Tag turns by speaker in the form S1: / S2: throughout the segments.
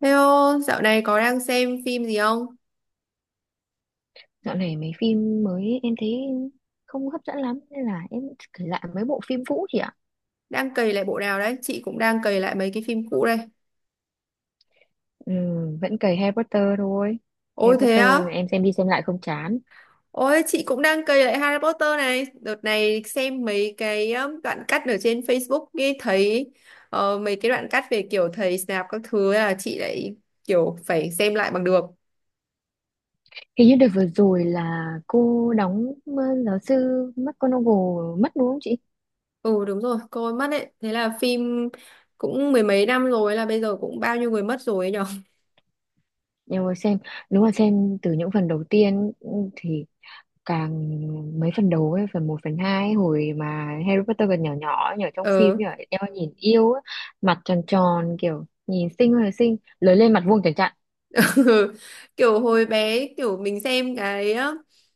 S1: Hello, dạo này có đang xem phim gì không?
S2: Dạo này mấy phim mới em thấy không hấp dẫn lắm nên là em kể lại mấy bộ phim cũ chị ạ.
S1: Đang cày lại bộ nào đấy? Chị cũng đang cày lại mấy cái phim cũ đây.
S2: Ừ, vẫn cày Harry Potter thôi. Harry
S1: Ôi thế
S2: Potter
S1: á?
S2: em xem đi xem lại không chán.
S1: Ôi chị cũng đang cày lại Harry Potter này. Đợt này xem mấy cái đoạn cắt ở trên Facebook ấy thấy mấy cái đoạn cắt về kiểu thầy Snape các thứ ấy là chị lại kiểu phải xem lại bằng được.
S2: Hình như đợt vừa rồi là cô đóng giáo sư McGonagall mất đúng không chị?
S1: Ừ, đúng rồi, coi mất đấy. Thế là phim cũng mười mấy năm rồi là bây giờ cũng bao nhiêu người mất rồi ấy nhở?
S2: Em vừa xem, đúng là xem từ những phần đầu tiên thì càng mấy phần đầu ấy, phần một phần 2 hồi mà Harry Potter còn nhỏ nhỏ nhỏ trong phim
S1: ờ
S2: nhỉ, eo nhìn yêu á, mặt tròn tròn kiểu nhìn xinh ơi là xinh, lớn lên mặt vuông chẳng chặn.
S1: Kiểu hồi bé kiểu mình xem cái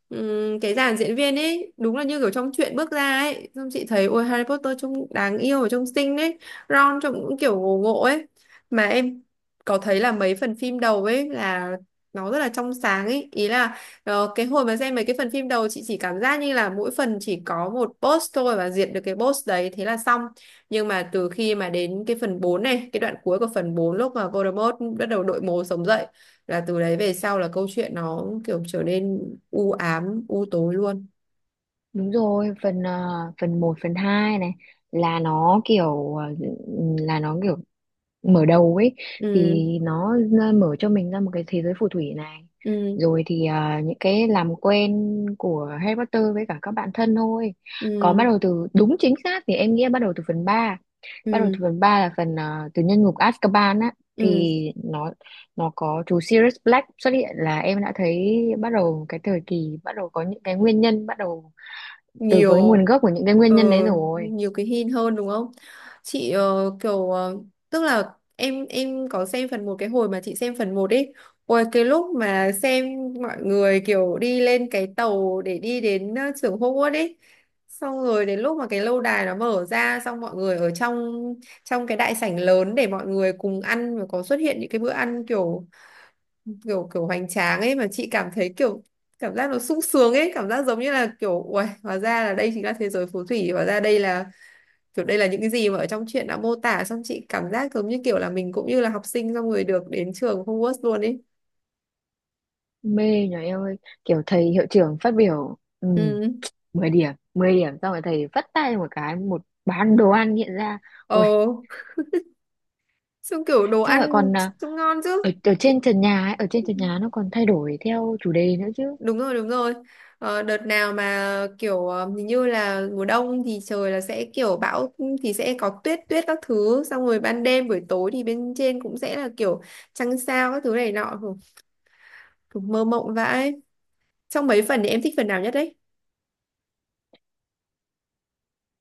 S1: ừm, cái dàn diễn viên ấy đúng là như kiểu trong truyện bước ra ấy, xong chị thấy ôi Harry Potter trông đáng yêu và trông xinh ấy. Ron trông cũng kiểu ngộ ngộ ấy. Mà em có thấy là mấy phần phim đầu ấy là nó rất là trong sáng ấy, ý là cái hồi mà xem mấy cái phần phim đầu chị chỉ cảm giác như là mỗi phần chỉ có một boss thôi và diệt được cái boss đấy thế là xong. Nhưng mà từ khi mà đến cái phần 4 này, cái đoạn cuối của phần 4 lúc mà Voldemort bắt đầu đội mồ sống dậy là từ đấy về sau là câu chuyện nó kiểu trở nên u ám u tối luôn.
S2: Đúng rồi, phần phần một phần 2 này là nó kiểu ờ, là nó kiểu mở đầu ấy, thì
S1: Ừ,
S2: nó mở cho mình ra một cái thế giới phù thủy này,
S1: ừ,
S2: rồi thì những cái làm quen của Harry Potter với cả các bạn thân thôi.
S1: ừ,
S2: Còn bắt
S1: ừ,
S2: đầu từ đúng chính xác thì em nghĩ là bắt đầu từ phần ba, bắt đầu
S1: ừ,
S2: từ phần 3 là phần từ nhân ngục Azkaban á,
S1: ừ.
S2: thì nó có chú Sirius Black xuất hiện là em đã thấy bắt đầu cái thời kỳ, bắt đầu có những cái nguyên nhân, bắt đầu từ cái
S1: nhiều
S2: nguồn gốc của những cái nguyên
S1: ờ,
S2: nhân đấy rồi.
S1: nhiều cái hint hơn đúng không? Chị tức là em có xem phần một. Cái hồi mà chị xem phần một ấy, ôi cái lúc mà xem mọi người kiểu đi lên cái tàu để đi đến trường Hogwarts ấy, xong rồi đến lúc mà cái lâu đài nó mở ra xong mọi người ở trong, trong cái đại sảnh lớn để mọi người cùng ăn và có xuất hiện những cái bữa ăn kiểu kiểu kiểu hoành tráng ấy, mà chị cảm thấy kiểu cảm giác nó sung sướng ấy, cảm giác giống như là kiểu uầy, hóa ra là đây chính là thế giới phù thủy, hóa ra đây là kiểu đây là những cái gì mà ở trong truyện đã mô tả, xong chị cảm giác giống như kiểu là mình cũng như là học sinh xong rồi được đến trường Hogwarts luôn ấy.
S2: Mê nhờ em ơi, kiểu thầy hiệu trưởng phát biểu
S1: Ừ,
S2: 10 điểm, 10 điểm, xong rồi thầy vắt tay một cái, một bán đồ ăn hiện ra, ui!
S1: ờ. Xong kiểu đồ
S2: Xong rồi
S1: ăn
S2: còn
S1: trông ngon chứ.
S2: ở trên trần nhà ấy, ở trên trần nhà nó còn thay đổi theo chủ đề nữa chứ.
S1: Đúng rồi, đúng rồi. Ờ, đợt nào mà kiểu hình như là mùa đông thì trời là sẽ kiểu bão thì sẽ có tuyết tuyết các thứ, xong rồi ban đêm buổi tối thì bên trên cũng sẽ là kiểu trăng sao các thứ này nọ. Hử, kiểu mơ mộng vãi. Trong mấy phần thì em thích phần nào nhất đấy?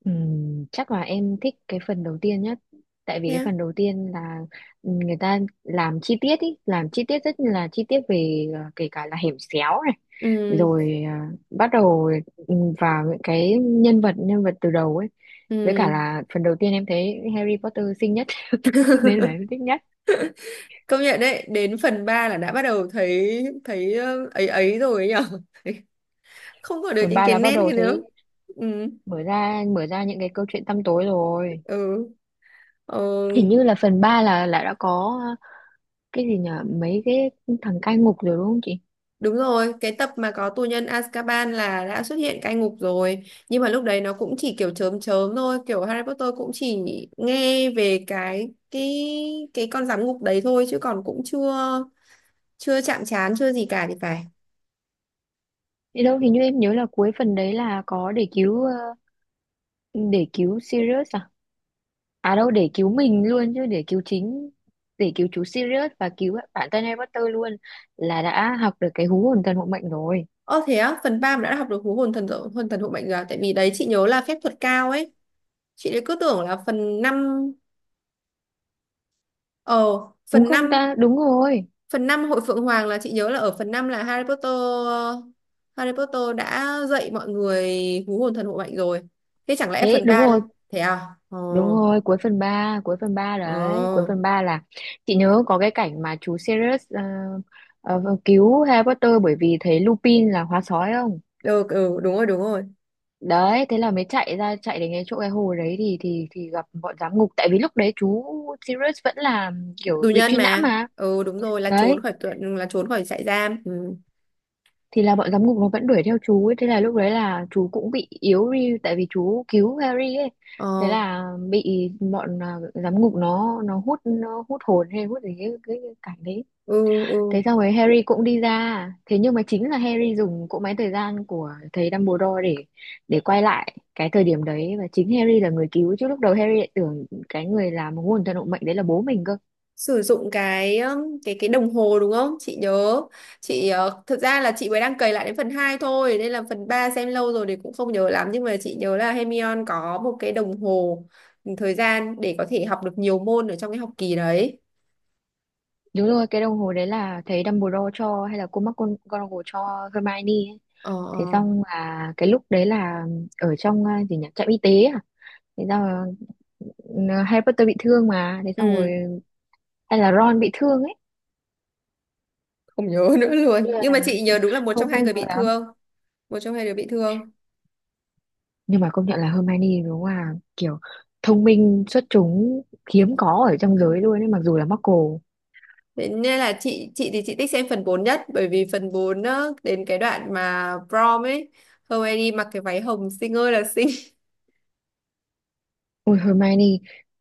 S2: Chắc là em thích cái phần đầu tiên nhất, tại vì cái
S1: Yeah.
S2: phần đầu tiên là người ta làm chi tiết, ý làm chi tiết rất là chi tiết về kể cả là hẻm xéo này,
S1: Ừ,
S2: rồi bắt đầu ừ, vào những cái nhân vật, nhân vật từ đầu ấy, với cả
S1: ừ.
S2: là phần đầu tiên em thấy Harry Potter xinh nhất, nên là em thích nhất.
S1: Công nhận đấy, đến phần 3 là đã bắt đầu thấy thấy ấy ấy rồi ấy nhở. Không còn được
S2: Phần
S1: những
S2: 3
S1: cái
S2: là bắt
S1: nét
S2: đầu
S1: kia nữa.
S2: thấy
S1: Ừ.
S2: mở ra những cái câu chuyện tăm tối rồi,
S1: Ừ. Ờ.
S2: hình như là phần 3 là đã có cái gì nhở, mấy cái thằng cai ngục rồi đúng không chị?
S1: Đúng rồi, cái tập mà có tù nhân Azkaban là đã xuất hiện cai ngục rồi. Nhưng mà lúc đấy nó cũng chỉ kiểu chớm chớm thôi, kiểu Harry Potter cũng chỉ nghe về cái con giám ngục đấy thôi chứ còn cũng chưa chưa chạm trán chưa gì cả thì phải.
S2: Thế đâu, hình như em nhớ là cuối phần đấy là có để cứu Sirius à, à đâu, để cứu mình luôn chứ, để cứu chú Sirius và cứu bản thân Harry Potter luôn, là đã học được cái hú hồn thần hộ mệnh rồi,
S1: Ơ thế á, phần ba mà đã học được hú hồn thần hộ mệnh rồi à? Tại vì đấy chị nhớ là phép thuật cao ấy. Chị lại cứ tưởng là phần năm, ờ
S2: đúng
S1: phần
S2: không
S1: năm.
S2: ta, đúng rồi.
S1: Phần 5 Hội Phượng Hoàng là chị nhớ là ở phần 5 là Harry Potter đã dạy mọi người hú hồn thần hộ mệnh rồi. Thế chẳng lẽ
S2: Thế
S1: phần
S2: đúng
S1: ba,
S2: rồi.
S1: thế à? Ồ,
S2: Đúng rồi, cuối phần ba
S1: ồ.
S2: đấy, cuối phần 3 là chị nhớ có cái cảnh mà chú Sirius vâng, cứu Harry Potter bởi vì thấy Lupin là hóa sói không?
S1: Được, ừ, đúng rồi, đúng rồi.
S2: Đấy, thế là mới chạy ra, chạy đến cái chỗ cái hồ đấy thì gặp bọn giám ngục, tại vì lúc đấy chú Sirius vẫn là kiểu
S1: Tù
S2: bị
S1: nhân
S2: truy nã
S1: mà.
S2: mà.
S1: Ừ, đúng rồi, là trốn
S2: Đấy,
S1: khỏi trại giam. Ừ.
S2: thì là bọn giám ngục nó vẫn đuổi theo chú ấy, thế là lúc đấy là chú cũng bị yếu đi tại vì chú cứu Harry ấy, thế
S1: Ờ,
S2: là bị bọn giám ngục nó hút hồn, hay hút gì cái cảnh đấy.
S1: ừ, ừ.
S2: Thế xong rồi Harry cũng đi ra, thế nhưng mà chính là Harry dùng cỗ máy thời gian của thầy Dumbledore để quay lại cái thời điểm đấy, và chính Harry là người cứu chứ, lúc đầu Harry lại tưởng cái người làm nguồn thần hộ mệnh đấy là bố mình cơ.
S1: Sử dụng cái đồng hồ đúng không chị nhớ? Chị thực ra là chị mới đang cày lại đến phần 2 thôi nên là phần 3 xem lâu rồi thì cũng không nhớ lắm, nhưng mà chị nhớ là Hermione có một cái đồng hồ, ừ, thời gian để có thể học được nhiều môn ở trong cái học kỳ đấy.
S2: Đúng rồi, cái đồng hồ đấy là thầy Dumbledore cho hay là cô McGonagall cho Hermione ấy,
S1: Ờ,
S2: thế
S1: ờ.
S2: xong là cái lúc đấy là ở trong gì nhỉ, trạm y tế à, thế xong là Harry Potter bị thương mà, thế xong rồi
S1: Ừ,
S2: hay là Ron bị thương ấy?
S1: không nhớ nữa
S2: Thế
S1: luôn,
S2: là
S1: nhưng mà chị nhớ đúng là một trong
S2: không, không
S1: hai người
S2: nhớ
S1: bị
S2: lắm,
S1: thương, một trong hai đứa bị thương.
S2: nhưng mà công nhận là Hermione đúng là kiểu thông minh xuất chúng, hiếm có ở trong giới luôn ấy, mặc dù là Muggle.
S1: Thế nên là chị thì chị thích xem phần 4 nhất, bởi vì phần 4 á, đến cái đoạn mà prom ấy Hermione mặc cái váy hồng xinh ơi là xinh.
S2: Ôi Hermione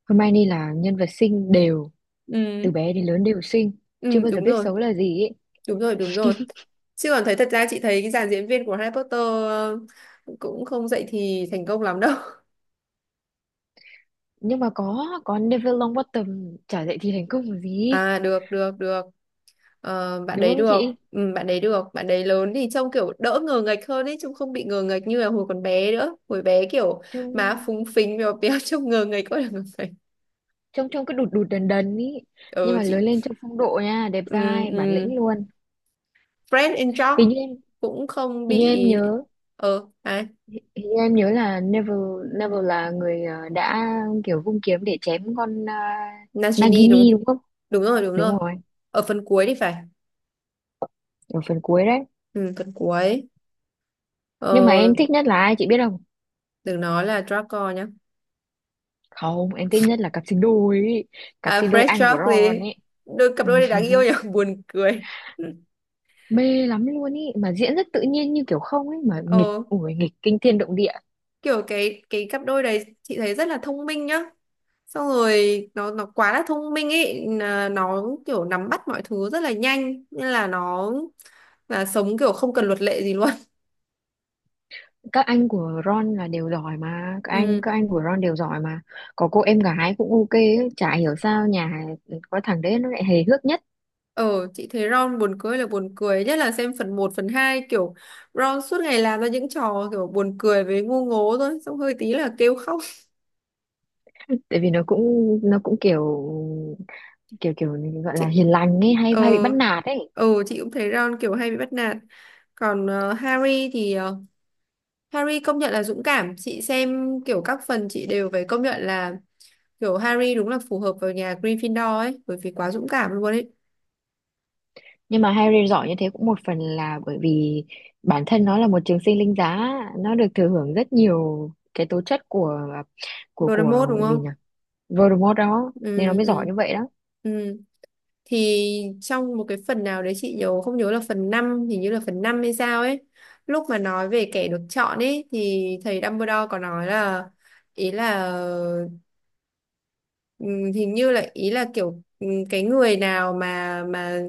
S2: Hermione là nhân vật xinh đều,
S1: Ừ.
S2: từ bé đến lớn đều xinh,
S1: Ừ,
S2: chưa bao giờ
S1: đúng
S2: biết
S1: rồi,
S2: xấu là gì ấy.
S1: đúng rồi, đúng rồi. Chứ còn thấy thật ra chị thấy cái dàn diễn viên của Harry Potter cũng không dậy thì thành công lắm đâu.
S2: Nhưng mà có Neville Longbottom chả dạy thì thành công là gì,
S1: À, được, được, được. Ờ, bạn
S2: đúng
S1: đấy
S2: không
S1: được,
S2: chị?
S1: ừ, bạn đấy được. Bạn đấy lớn thì trông kiểu đỡ ngờ nghệch hơn ấy, trông không bị ngờ nghệch như là hồi còn bé nữa. Hồi bé kiểu má
S2: trông
S1: phúng phính, béo béo, trông ngờ nghệch quá là ngờ nghệch.
S2: trông trông cứ đụt đụt đần đần ý, nhưng
S1: Ừ,
S2: mà lớn
S1: chị.
S2: lên trông phong độ nha, đẹp
S1: Ừ,
S2: dai bản
S1: ừ.
S2: lĩnh luôn.
S1: Fred and George
S2: hình như em
S1: cũng không
S2: hình như
S1: bị.
S2: em nhớ
S1: Ờ, ai?
S2: Hình như em nhớ là Neville Neville là người đã kiểu vung kiếm để chém con
S1: Nagini
S2: Nagini
S1: đúng.
S2: đúng không,
S1: Đúng rồi, đúng rồi.
S2: đúng rồi,
S1: Ở phần cuối thì phải.
S2: ở phần cuối đấy.
S1: Ừ, phần cuối.
S2: Nhưng mà
S1: Ờ,
S2: em thích nhất là ai chị biết không?
S1: đừng nói là Draco nhá.
S2: Không, em thích nhất là cặp sinh đôi ý, cặp
S1: À,
S2: sinh đôi
S1: Fred
S2: anh của
S1: George
S2: Ron
S1: đi.
S2: ấy.
S1: Đôi cặp
S2: Ừ.
S1: đôi này đáng yêu nhỉ, buồn cười.
S2: Mê lắm luôn ý, mà diễn rất tự nhiên như kiểu không ấy, mà nghịch
S1: Ờ,
S2: ủi nghịch kinh thiên động địa.
S1: kiểu cái cặp đôi đấy chị thấy rất là thông minh nhá. Xong rồi nó quá là thông minh ấy, là nó kiểu nắm bắt mọi thứ rất là nhanh nên là nó là sống kiểu không cần luật lệ gì luôn.
S2: Các anh của Ron là đều giỏi mà, các anh
S1: Ừ.
S2: các anh của Ron đều giỏi mà, có cô em gái cũng ok ấy. Chả hiểu sao nhà có thằng đấy nó lại hề hước nhất,
S1: Ờ, chị thấy Ron buồn cười là buồn cười, nhất là xem phần một phần 2 kiểu Ron suốt ngày làm ra những trò kiểu buồn cười với ngu ngố thôi, xong hơi tí là kêu khóc.
S2: tại vì nó cũng kiểu kiểu kiểu gọi
S1: chị
S2: là hiền lành ấy, hay
S1: ờ
S2: hay bị bắt nạt ấy.
S1: ờ chị cũng thấy Ron kiểu hay bị bắt nạt. Còn Harry công nhận là dũng cảm, chị xem kiểu các phần chị đều phải công nhận là kiểu Harry đúng là phù hợp vào nhà Gryffindor ấy, bởi vì quá dũng cảm luôn ấy.
S2: Nhưng mà Harry giỏi như thế cũng một phần là bởi vì bản thân nó là một trường sinh linh giá, nó được thừa hưởng rất nhiều cái tố chất của
S1: Voldemort đúng
S2: gì
S1: không?
S2: nhỉ, Voldemort đó, nên
S1: Ừ,
S2: nó mới giỏi
S1: ừ,
S2: như vậy đó.
S1: ừ. Thì trong một cái phần nào đấy chị không nhớ là phần năm, hình như là phần 5 hay sao ấy, lúc mà nói về kẻ được chọn ấy thì thầy Dumbledore có nói là, ý là hình như là ý là kiểu cái người nào mà mà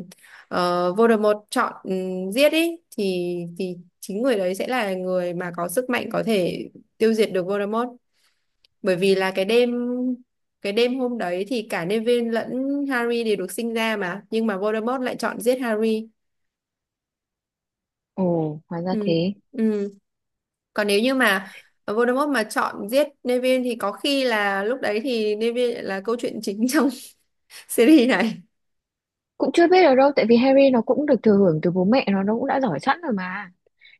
S1: ờ, Voldemort chọn giết ý thì chính người đấy sẽ là người mà có sức mạnh có thể tiêu diệt được Voldemort, bởi vì là cái đêm, cái đêm hôm đấy thì cả Neville lẫn Harry đều được sinh ra mà, nhưng mà Voldemort lại chọn giết Harry.
S2: Ồ, hóa ra
S1: Ừ.
S2: thế.
S1: Ừ. Còn nếu như mà Voldemort mà chọn giết Neville thì có khi là lúc đấy thì Neville là câu chuyện chính trong series này.
S2: Cũng chưa biết được đâu, tại vì Harry nó cũng được thừa hưởng từ bố mẹ nó cũng đã giỏi sẵn rồi mà,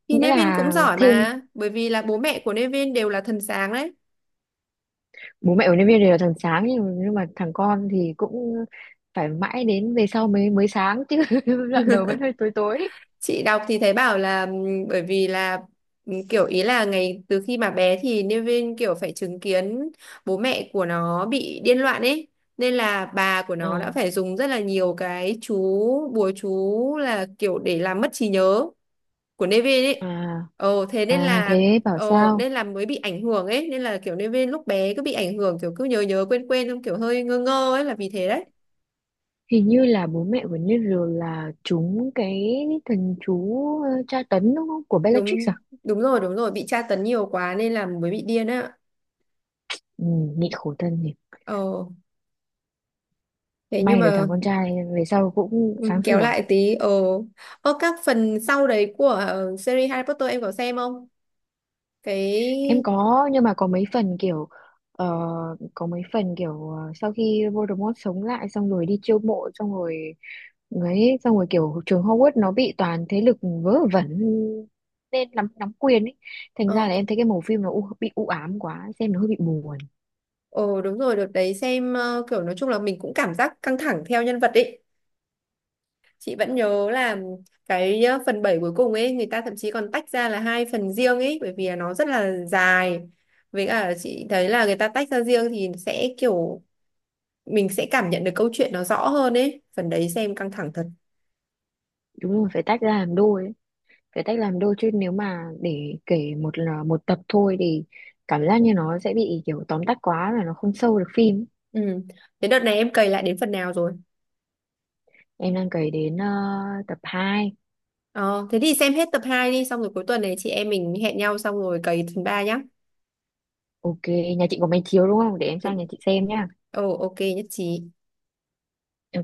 S1: Thì
S2: nghĩa
S1: Nevin cũng
S2: là
S1: giỏi
S2: thêm
S1: mà, bởi vì là bố mẹ của Nevin đều là thần sáng đấy.
S2: bố mẹ của nhân viên đều là thằng sáng, nhưng mà thằng con thì cũng phải mãi đến về sau mới mới sáng chứ, đoạn đầu vẫn hơi tối tối.
S1: Chị đọc thì thấy bảo là bởi vì là kiểu ý là ngày từ khi mà bé thì Nevin kiểu phải chứng kiến bố mẹ của nó bị điên loạn ấy. Nên là bà của nó đã
S2: à,
S1: phải dùng rất là nhiều cái chú, bùa chú là kiểu để làm mất trí nhớ của Nevin ấy.
S2: à,
S1: Ồ, thế nên
S2: à
S1: là.
S2: thế bảo
S1: Ồ,
S2: sao,
S1: nên là mới bị ảnh hưởng ấy. Nên là kiểu Nevin lúc bé cứ bị ảnh hưởng, kiểu cứ nhớ nhớ quên quên, không, kiểu hơi ngơ ngơ ấy là vì thế đấy.
S2: hình như là bố mẹ của Neville là trúng cái thần chú tra tấn đúng không, của Bellatrix
S1: Đúng
S2: à?
S1: Đúng rồi, đúng rồi, bị tra tấn nhiều quá nên là mới bị điên á.
S2: Ừ, nhịn khổ thân nhỉ.
S1: ờ Thế nhưng
S2: May được
S1: mà,
S2: thằng con trai về sau cũng
S1: ừ,
S2: sáng
S1: kéo
S2: sủa.
S1: lại tí. Ờ, ờ các phần sau đấy của series Harry Potter em có xem không? Cái
S2: Em có, nhưng mà ờ, có mấy phần kiểu sau khi Voldemort sống lại xong rồi đi chiêu mộ xong rồi ấy, xong rồi kiểu trường Hogwarts nó bị toàn thế lực vớ vẩn nên nắm nắm quyền ấy. Thành ra
S1: ờ
S2: là em thấy cái màu phim nó bị u ám quá, xem nó hơi bị buồn.
S1: ờ Đúng rồi, đợt đấy xem kiểu nói chung là mình cũng cảm giác căng thẳng theo nhân vật ấy, chị vẫn nhớ là cái phần 7 cuối cùng ấy người ta thậm chí còn tách ra là hai phần riêng ấy, bởi vì là nó rất là dài, với cả chị thấy là người ta tách ra riêng thì sẽ kiểu mình sẽ cảm nhận được câu chuyện nó rõ hơn ấy, phần đấy xem căng thẳng thật.
S2: Đúng rồi, phải tách ra làm đôi ấy. Phải tách làm đôi chứ nếu mà để kể một là một tập thôi thì cảm giác như nó sẽ bị kiểu tóm tắt quá, là nó không sâu được phim.
S1: Ừ. Thế đợt này em cày lại đến phần nào rồi?
S2: Em đang kể đến tập hai.
S1: Ờ, thế thì xem hết tập 2 đi xong rồi cuối tuần này chị em mình hẹn nhau xong rồi cày phần 3 nhá.
S2: Ok, nhà chị có máy chiếu đúng không? Để em sang
S1: Ừ,
S2: nhà chị xem nhá.
S1: ồ, ok, nhất trí.
S2: Ừ,